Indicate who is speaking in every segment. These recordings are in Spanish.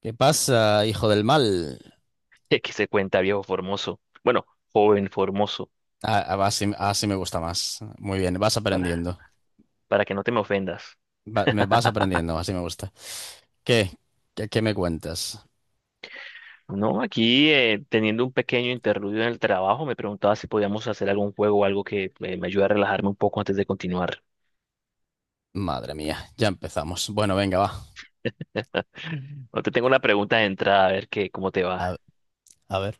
Speaker 1: ¿Qué pasa, hijo del mal?
Speaker 2: que se cuenta, viejo formoso? Bueno, joven formoso,
Speaker 1: Ah, ah, va, así, así me gusta más. Muy bien, vas
Speaker 2: para,
Speaker 1: aprendiendo.
Speaker 2: para que no te me ofendas.
Speaker 1: Me vas aprendiendo, así me gusta. ¿Qué? ¿Qué me cuentas?
Speaker 2: No, aquí teniendo un pequeño interludio en el trabajo, me preguntaba si podíamos hacer algún juego o algo que me ayude a relajarme un poco antes de continuar.
Speaker 1: Madre mía, ya empezamos. Bueno, venga, va.
Speaker 2: No, te tengo una pregunta de entrada, a ver qué, cómo te
Speaker 1: A,
Speaker 2: va.
Speaker 1: a ver.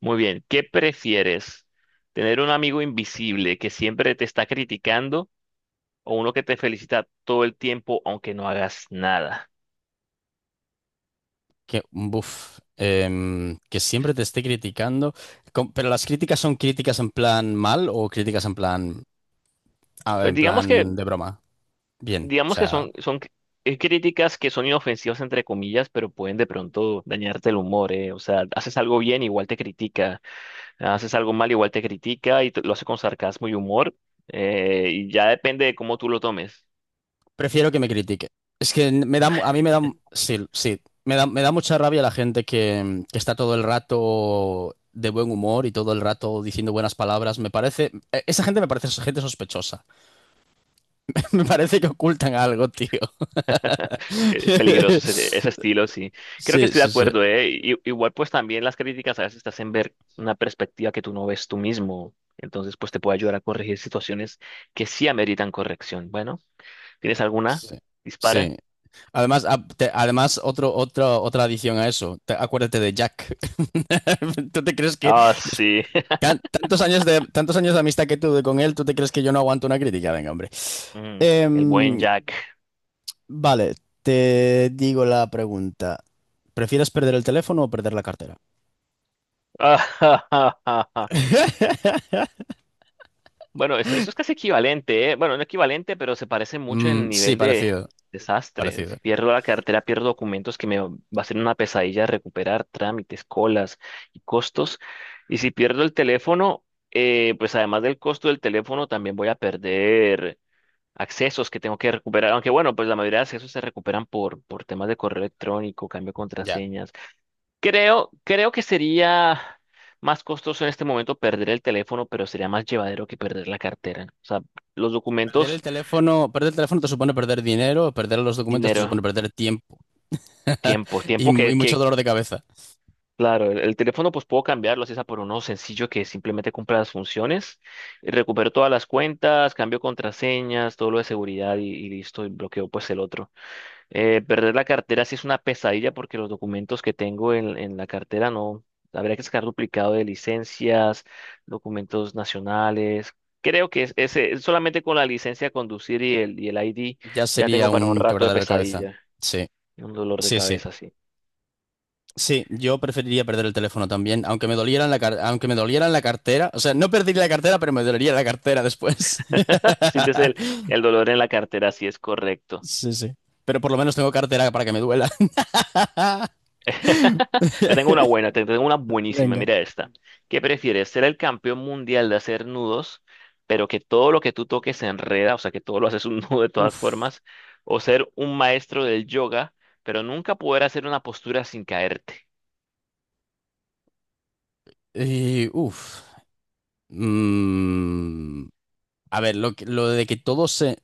Speaker 2: Muy bien, ¿qué prefieres? ¿Tener un amigo invisible que siempre te está criticando o uno que te felicita todo el tiempo aunque no hagas nada?
Speaker 1: Que, buf, que siempre te esté criticando. Pero las críticas son críticas en plan mal o críticas en plan, ah,
Speaker 2: Pues
Speaker 1: en plan de broma. Bien, o
Speaker 2: digamos que
Speaker 1: sea.
Speaker 2: son, críticas que son inofensivas entre comillas, pero pueden de pronto dañarte el humor, ¿eh? O sea, haces algo bien, igual te critica, haces algo mal, igual te critica y lo hace con sarcasmo y humor, y ya depende de cómo tú lo tomes.
Speaker 1: Prefiero que me critique. Es que me da, a mí me da, sí, sí, me da mucha rabia la gente que está todo el rato de buen humor y todo el rato diciendo buenas palabras. Me parece, esa gente me parece gente sospechosa. Me parece que ocultan algo, tío.
Speaker 2: Sí, es peligroso ese, ese estilo, sí. Creo que
Speaker 1: Sí,
Speaker 2: estoy de
Speaker 1: sí, sí,
Speaker 2: acuerdo, ¿eh? Igual pues también las críticas a veces te hacen ver una perspectiva que tú no ves tú mismo. Entonces, pues te puede ayudar a corregir situaciones que sí ameritan corrección. Bueno, ¿tienes alguna?
Speaker 1: sí.
Speaker 2: Dispara.
Speaker 1: Sí. Además, además otra adición a eso. Acuérdate de Jack. ¿Tú te crees que
Speaker 2: Ah, sí.
Speaker 1: Tantos años de, tantos años de amistad que tuve con él, tú te crees que yo no aguanto una crítica? Venga, hombre.
Speaker 2: Mm, el buen
Speaker 1: Em,
Speaker 2: Jack.
Speaker 1: vale, te digo la pregunta. ¿Prefieres perder el teléfono o perder la cartera?
Speaker 2: Bueno, eso es casi equivalente, ¿eh? Bueno, no equivalente, pero se parece mucho
Speaker 1: Mm,
Speaker 2: en
Speaker 1: sí,
Speaker 2: nivel de
Speaker 1: parecido,
Speaker 2: desastre.
Speaker 1: parecido.
Speaker 2: Si pierdo la cartera, pierdo documentos que me va a ser una pesadilla recuperar, trámites, colas y costos. Y si pierdo el teléfono, pues además del costo del teléfono, también voy a perder accesos que tengo que recuperar. Aunque bueno, pues la mayoría de accesos se recuperan por temas de correo electrónico, cambio de
Speaker 1: Ya.
Speaker 2: contraseña. Creo que sería más costoso en este momento perder el teléfono, pero sería más llevadero que perder la cartera. O sea, los documentos,
Speaker 1: Perder el teléfono te supone perder dinero, perder los documentos te
Speaker 2: dinero,
Speaker 1: supone perder tiempo
Speaker 2: tiempo,
Speaker 1: y
Speaker 2: tiempo
Speaker 1: mucho
Speaker 2: que
Speaker 1: dolor de cabeza.
Speaker 2: claro, el teléfono pues puedo cambiarlo, así sea por uno sencillo que simplemente cumpla las funciones, y recupero todas las cuentas, cambio contraseñas, todo lo de seguridad y listo, y bloqueo pues el otro. Perder la cartera sí es una pesadilla porque los documentos que tengo en la cartera no. Habría que sacar duplicado de licencias, documentos nacionales. Creo que solamente con la licencia de conducir y el ID
Speaker 1: Ya
Speaker 2: ya tengo
Speaker 1: sería
Speaker 2: para un
Speaker 1: un
Speaker 2: rato de
Speaker 1: quebradero de cabeza.
Speaker 2: pesadilla.
Speaker 1: Sí,
Speaker 2: Un dolor de
Speaker 1: sí, sí.
Speaker 2: cabeza, sí.
Speaker 1: Sí, yo preferiría perder el teléfono también, aunque me doliera en la aunque me doliera en la cartera. O sea, no perdería la cartera, pero me dolería la cartera después.
Speaker 2: Sientes el dolor en la cartera, sí es correcto.
Speaker 1: Sí, sí. Pero por lo menos tengo cartera para que me duela.
Speaker 2: Te tengo una buena, te tengo una buenísima.
Speaker 1: Venga.
Speaker 2: Mira esta. ¿Qué prefieres? ¿Ser el campeón mundial de hacer nudos, pero que todo lo que tú toques se enreda, o sea, que todo lo haces un nudo de todas
Speaker 1: Uf.
Speaker 2: formas? ¿O ser un maestro del yoga, pero nunca poder hacer una postura sin caerte?
Speaker 1: Y, uf. Mm, a ver, lo de que todo se,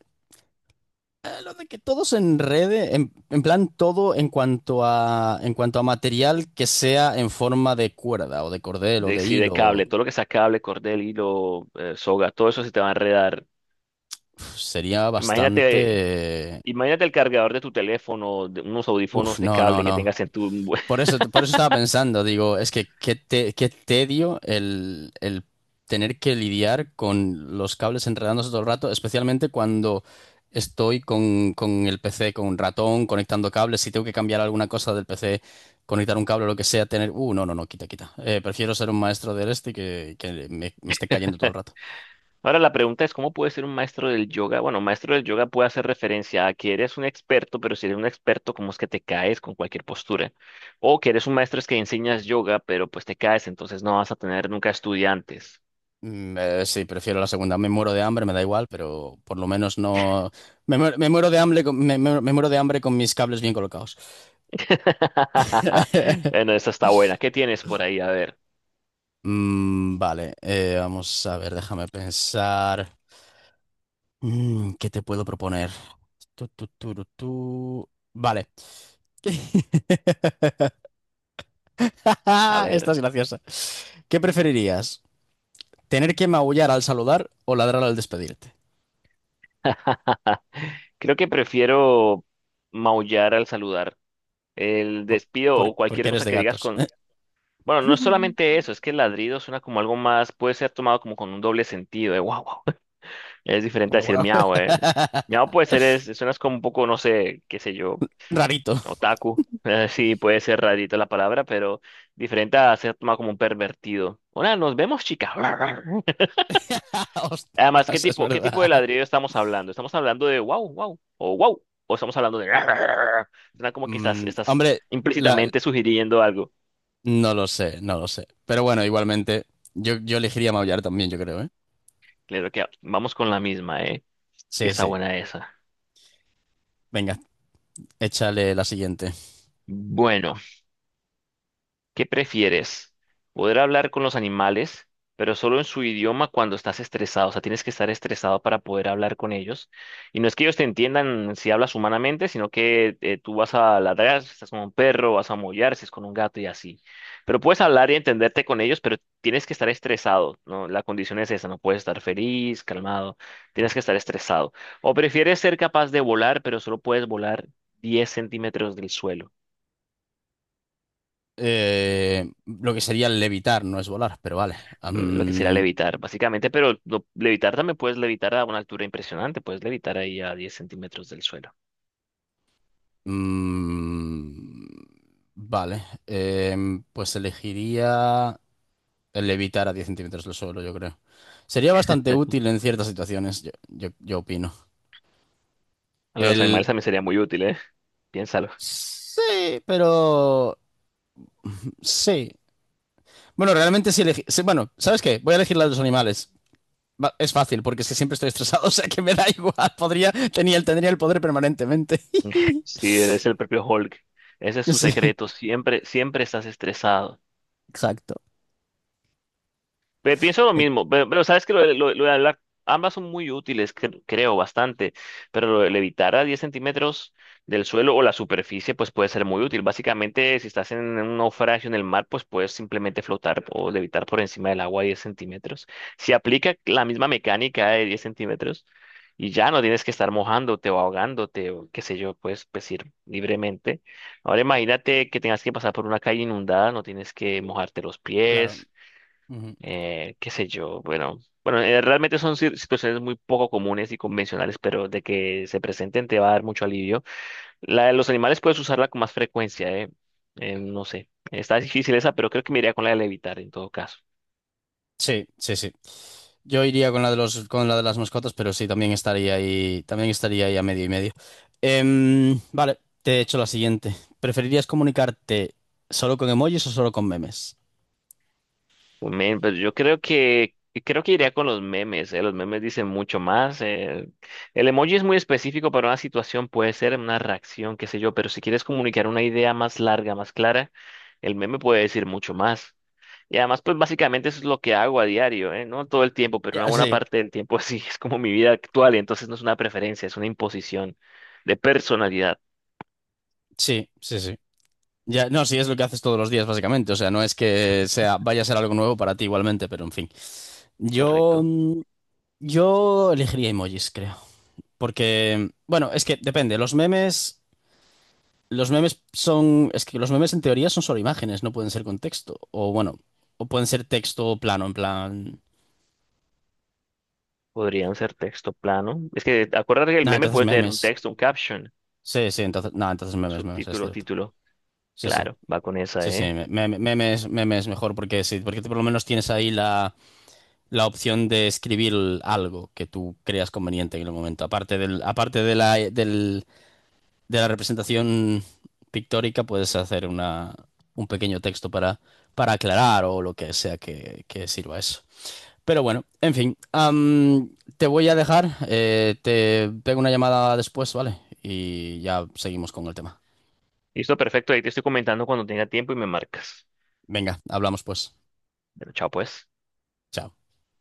Speaker 1: lo de que todo se enrede, en plan todo en cuanto a material que sea en forma de cuerda o de cordel o
Speaker 2: De,
Speaker 1: de
Speaker 2: sí, de
Speaker 1: hilo.
Speaker 2: cable, todo lo que sea cable, cordel, hilo, soga, todo eso se te va a enredar.
Speaker 1: Uf, sería
Speaker 2: Imagínate,
Speaker 1: bastante...
Speaker 2: imagínate el cargador de tu teléfono, de unos
Speaker 1: Uf,
Speaker 2: audífonos de
Speaker 1: no, no,
Speaker 2: cable que
Speaker 1: no.
Speaker 2: tengas en tu...
Speaker 1: Por eso estaba pensando, digo, es que qué, qué tedio el tener que lidiar con los cables enredándose todo el rato, especialmente cuando estoy con el PC, con un ratón, conectando cables, si tengo que cambiar alguna cosa del PC, conectar un cable o lo que sea, tener... no, no, no, quita, quita. Prefiero ser un maestro del este que me esté cayendo todo el rato.
Speaker 2: Ahora la pregunta es, ¿cómo puede ser un maestro del yoga? Bueno, un maestro del yoga puede hacer referencia a que eres un experto, pero si eres un experto, ¿cómo es que te caes con cualquier postura? O que eres un maestro es que enseñas yoga, pero pues te caes, entonces no vas a tener nunca estudiantes.
Speaker 1: Mm, sí, prefiero la segunda. Me muero de hambre, me da igual, pero por lo menos no. Me muero de hambre con, me, me muero de hambre con mis cables bien colocados.
Speaker 2: Bueno, esa está buena. ¿Qué tienes por ahí? A ver,
Speaker 1: Mm, vale, vamos a ver, déjame pensar. Mm, ¿qué te puedo proponer? Tu, tu, tu, tu, tu. Vale.
Speaker 2: a
Speaker 1: Esta
Speaker 2: ver.
Speaker 1: es graciosa. ¿Qué preferirías? ¿Tener que maullar al saludar o ladrar al despedirte?
Speaker 2: Creo que prefiero maullar al saludar. El
Speaker 1: Por-
Speaker 2: despido o
Speaker 1: porque
Speaker 2: cualquier
Speaker 1: eres
Speaker 2: cosa
Speaker 1: de
Speaker 2: que digas
Speaker 1: gatos.
Speaker 2: con... Bueno, no es solamente eso, es que el ladrido suena como algo más, puede ser tomado como con un doble sentido, de wow. Es diferente a
Speaker 1: Guau,
Speaker 2: decir
Speaker 1: guau.
Speaker 2: miau, eh. Miau puede ser, es, suenas como un poco, no sé, qué sé yo,
Speaker 1: Rarito.
Speaker 2: otaku. Sí, puede ser rarita la palabra, pero diferente a ser tomado como un pervertido. Hola, nos vemos, chica. Además,
Speaker 1: Ostras, es
Speaker 2: qué tipo de
Speaker 1: verdad.
Speaker 2: ladrido estamos hablando? ¿Estamos hablando de wow, wow, o wow? ¿O estamos hablando de... Suena como que estás,
Speaker 1: Mm,
Speaker 2: estás
Speaker 1: hombre, la-
Speaker 2: implícitamente sugiriendo algo.
Speaker 1: no lo sé, no lo sé. Pero bueno, igualmente, yo elegiría maullar también, yo creo, ¿eh?
Speaker 2: Claro que vamos con la misma, ¿eh? Que
Speaker 1: Sí,
Speaker 2: está
Speaker 1: sí.
Speaker 2: buena esa.
Speaker 1: Venga, échale la siguiente.
Speaker 2: Bueno. ¿Qué prefieres? ¿Poder hablar con los animales, pero solo en su idioma cuando estás estresado? O sea, tienes que estar estresado para poder hablar con ellos. Y no es que ellos te entiendan si hablas humanamente, sino que tú vas a ladrar, si estás con un perro, vas a mollar, si es con un gato y así. Pero puedes hablar y entenderte con ellos, pero tienes que estar estresado, ¿no? La condición es esa, no puedes estar feliz, calmado, tienes que estar estresado. ¿O prefieres ser capaz de volar, pero solo puedes volar 10 centímetros del suelo?
Speaker 1: Lo que sería levitar, no es volar, pero vale.
Speaker 2: Mm, lo que sería
Speaker 1: Am,
Speaker 2: levitar, básicamente, pero levitar también puedes levitar a una altura impresionante, puedes levitar ahí a 10 centímetros del suelo.
Speaker 1: mm, vale. Pues elegiría el levitar a 10 centímetros del suelo, yo creo. Sería bastante útil en ciertas situaciones, yo opino.
Speaker 2: A los
Speaker 1: El.
Speaker 2: animales también sería muy útil, ¿eh? Piénsalo.
Speaker 1: Sí, pero sí. Bueno, realmente sí elegí. Sí, bueno, ¿sabes qué? Voy a elegir la de los animales. Es fácil, porque es que siempre estoy estresado, o sea que me da igual. Tendría el poder permanentemente.
Speaker 2: Si es el propio Hulk, ese es su
Speaker 1: Sí,
Speaker 2: secreto, siempre, siempre estás estresado.
Speaker 1: exacto.
Speaker 2: Pienso lo
Speaker 1: Eh,
Speaker 2: mismo, pero sabes que lo, lo de hablar, ambas son muy útiles, creo, bastante, pero lo de levitar a 10 centímetros del suelo o la superficie, pues puede ser muy útil. Básicamente, si estás en un naufragio en el mar, pues puedes simplemente flotar o levitar por encima del agua a 10 centímetros. Si aplica la misma mecánica de 10 centímetros y ya no tienes que estar mojándote o ahogándote o qué sé yo, puedes pues, ir libremente. Ahora imagínate que tengas que pasar por una calle inundada, no tienes que mojarte los
Speaker 1: claro.
Speaker 2: pies.
Speaker 1: Ujú.
Speaker 2: Qué sé yo, bueno, bueno, realmente son situaciones muy poco comunes y convencionales, pero de que se presenten te va a dar mucho alivio. La de los animales puedes usarla con más frecuencia, eh. No sé, está difícil esa, pero creo que me iría con la de levitar en todo caso.
Speaker 1: Sí, sí, sí. Yo iría con la de los, con la de las mascotas, pero sí, también estaría ahí a medio y medio. Vale, te he hecho la siguiente. ¿Preferirías comunicarte solo con emojis o solo con memes?
Speaker 2: Men, pues yo creo que iría con los memes, los memes dicen mucho más, eh. El emoji es muy específico para una situación, puede ser una reacción, qué sé yo, pero si quieres comunicar una idea más larga, más clara, el meme puede decir mucho más. Y además, pues básicamente eso es lo que hago a diario, ¿eh? No todo el tiempo, pero
Speaker 1: Ya,
Speaker 2: una buena
Speaker 1: sí,
Speaker 2: parte del tiempo sí es como mi vida actual, y entonces no es una preferencia, es una imposición de personalidad,
Speaker 1: sí, sí, sí. Ya, no, sí, es lo que haces todos los días, básicamente. O sea, no es que sea, vaya a ser algo nuevo para ti igualmente, pero en fin. Yo,
Speaker 2: ¿correcto?
Speaker 1: mm, yo elegiría emojis, creo. Porque, bueno, es que depende. Los memes son, es que los memes en teoría son solo imágenes, no pueden ser con texto. O bueno, o pueden ser texto plano, en plan.
Speaker 2: Podrían ser texto plano. Es que acuérdate que el
Speaker 1: Nada,
Speaker 2: meme
Speaker 1: entonces
Speaker 2: puede tener un
Speaker 1: memes.
Speaker 2: texto, un caption,
Speaker 1: Sí, sí, entonces, nada, entonces memes, memes, es
Speaker 2: subtítulo,
Speaker 1: cierto.
Speaker 2: título.
Speaker 1: Sí, sí.
Speaker 2: Claro, va con esa,
Speaker 1: Sí, sí,
Speaker 2: ¿eh?
Speaker 1: memes, memes mejor porque sí, porque tú por lo menos tienes ahí la la opción de escribir algo que tú creas conveniente en el momento. Aparte del, aparte de la, de la representación pictórica, puedes hacer una, un pequeño texto para aclarar o lo que sea que sirva eso. Pero bueno, en fin, am, te voy a dejar, te pego una llamada después, ¿vale? Y ya seguimos con el tema.
Speaker 2: Listo, perfecto. Ahí te estoy comentando cuando tenga tiempo y me marcas.
Speaker 1: Venga, hablamos pues.
Speaker 2: Pero chao, pues.
Speaker 1: Chao.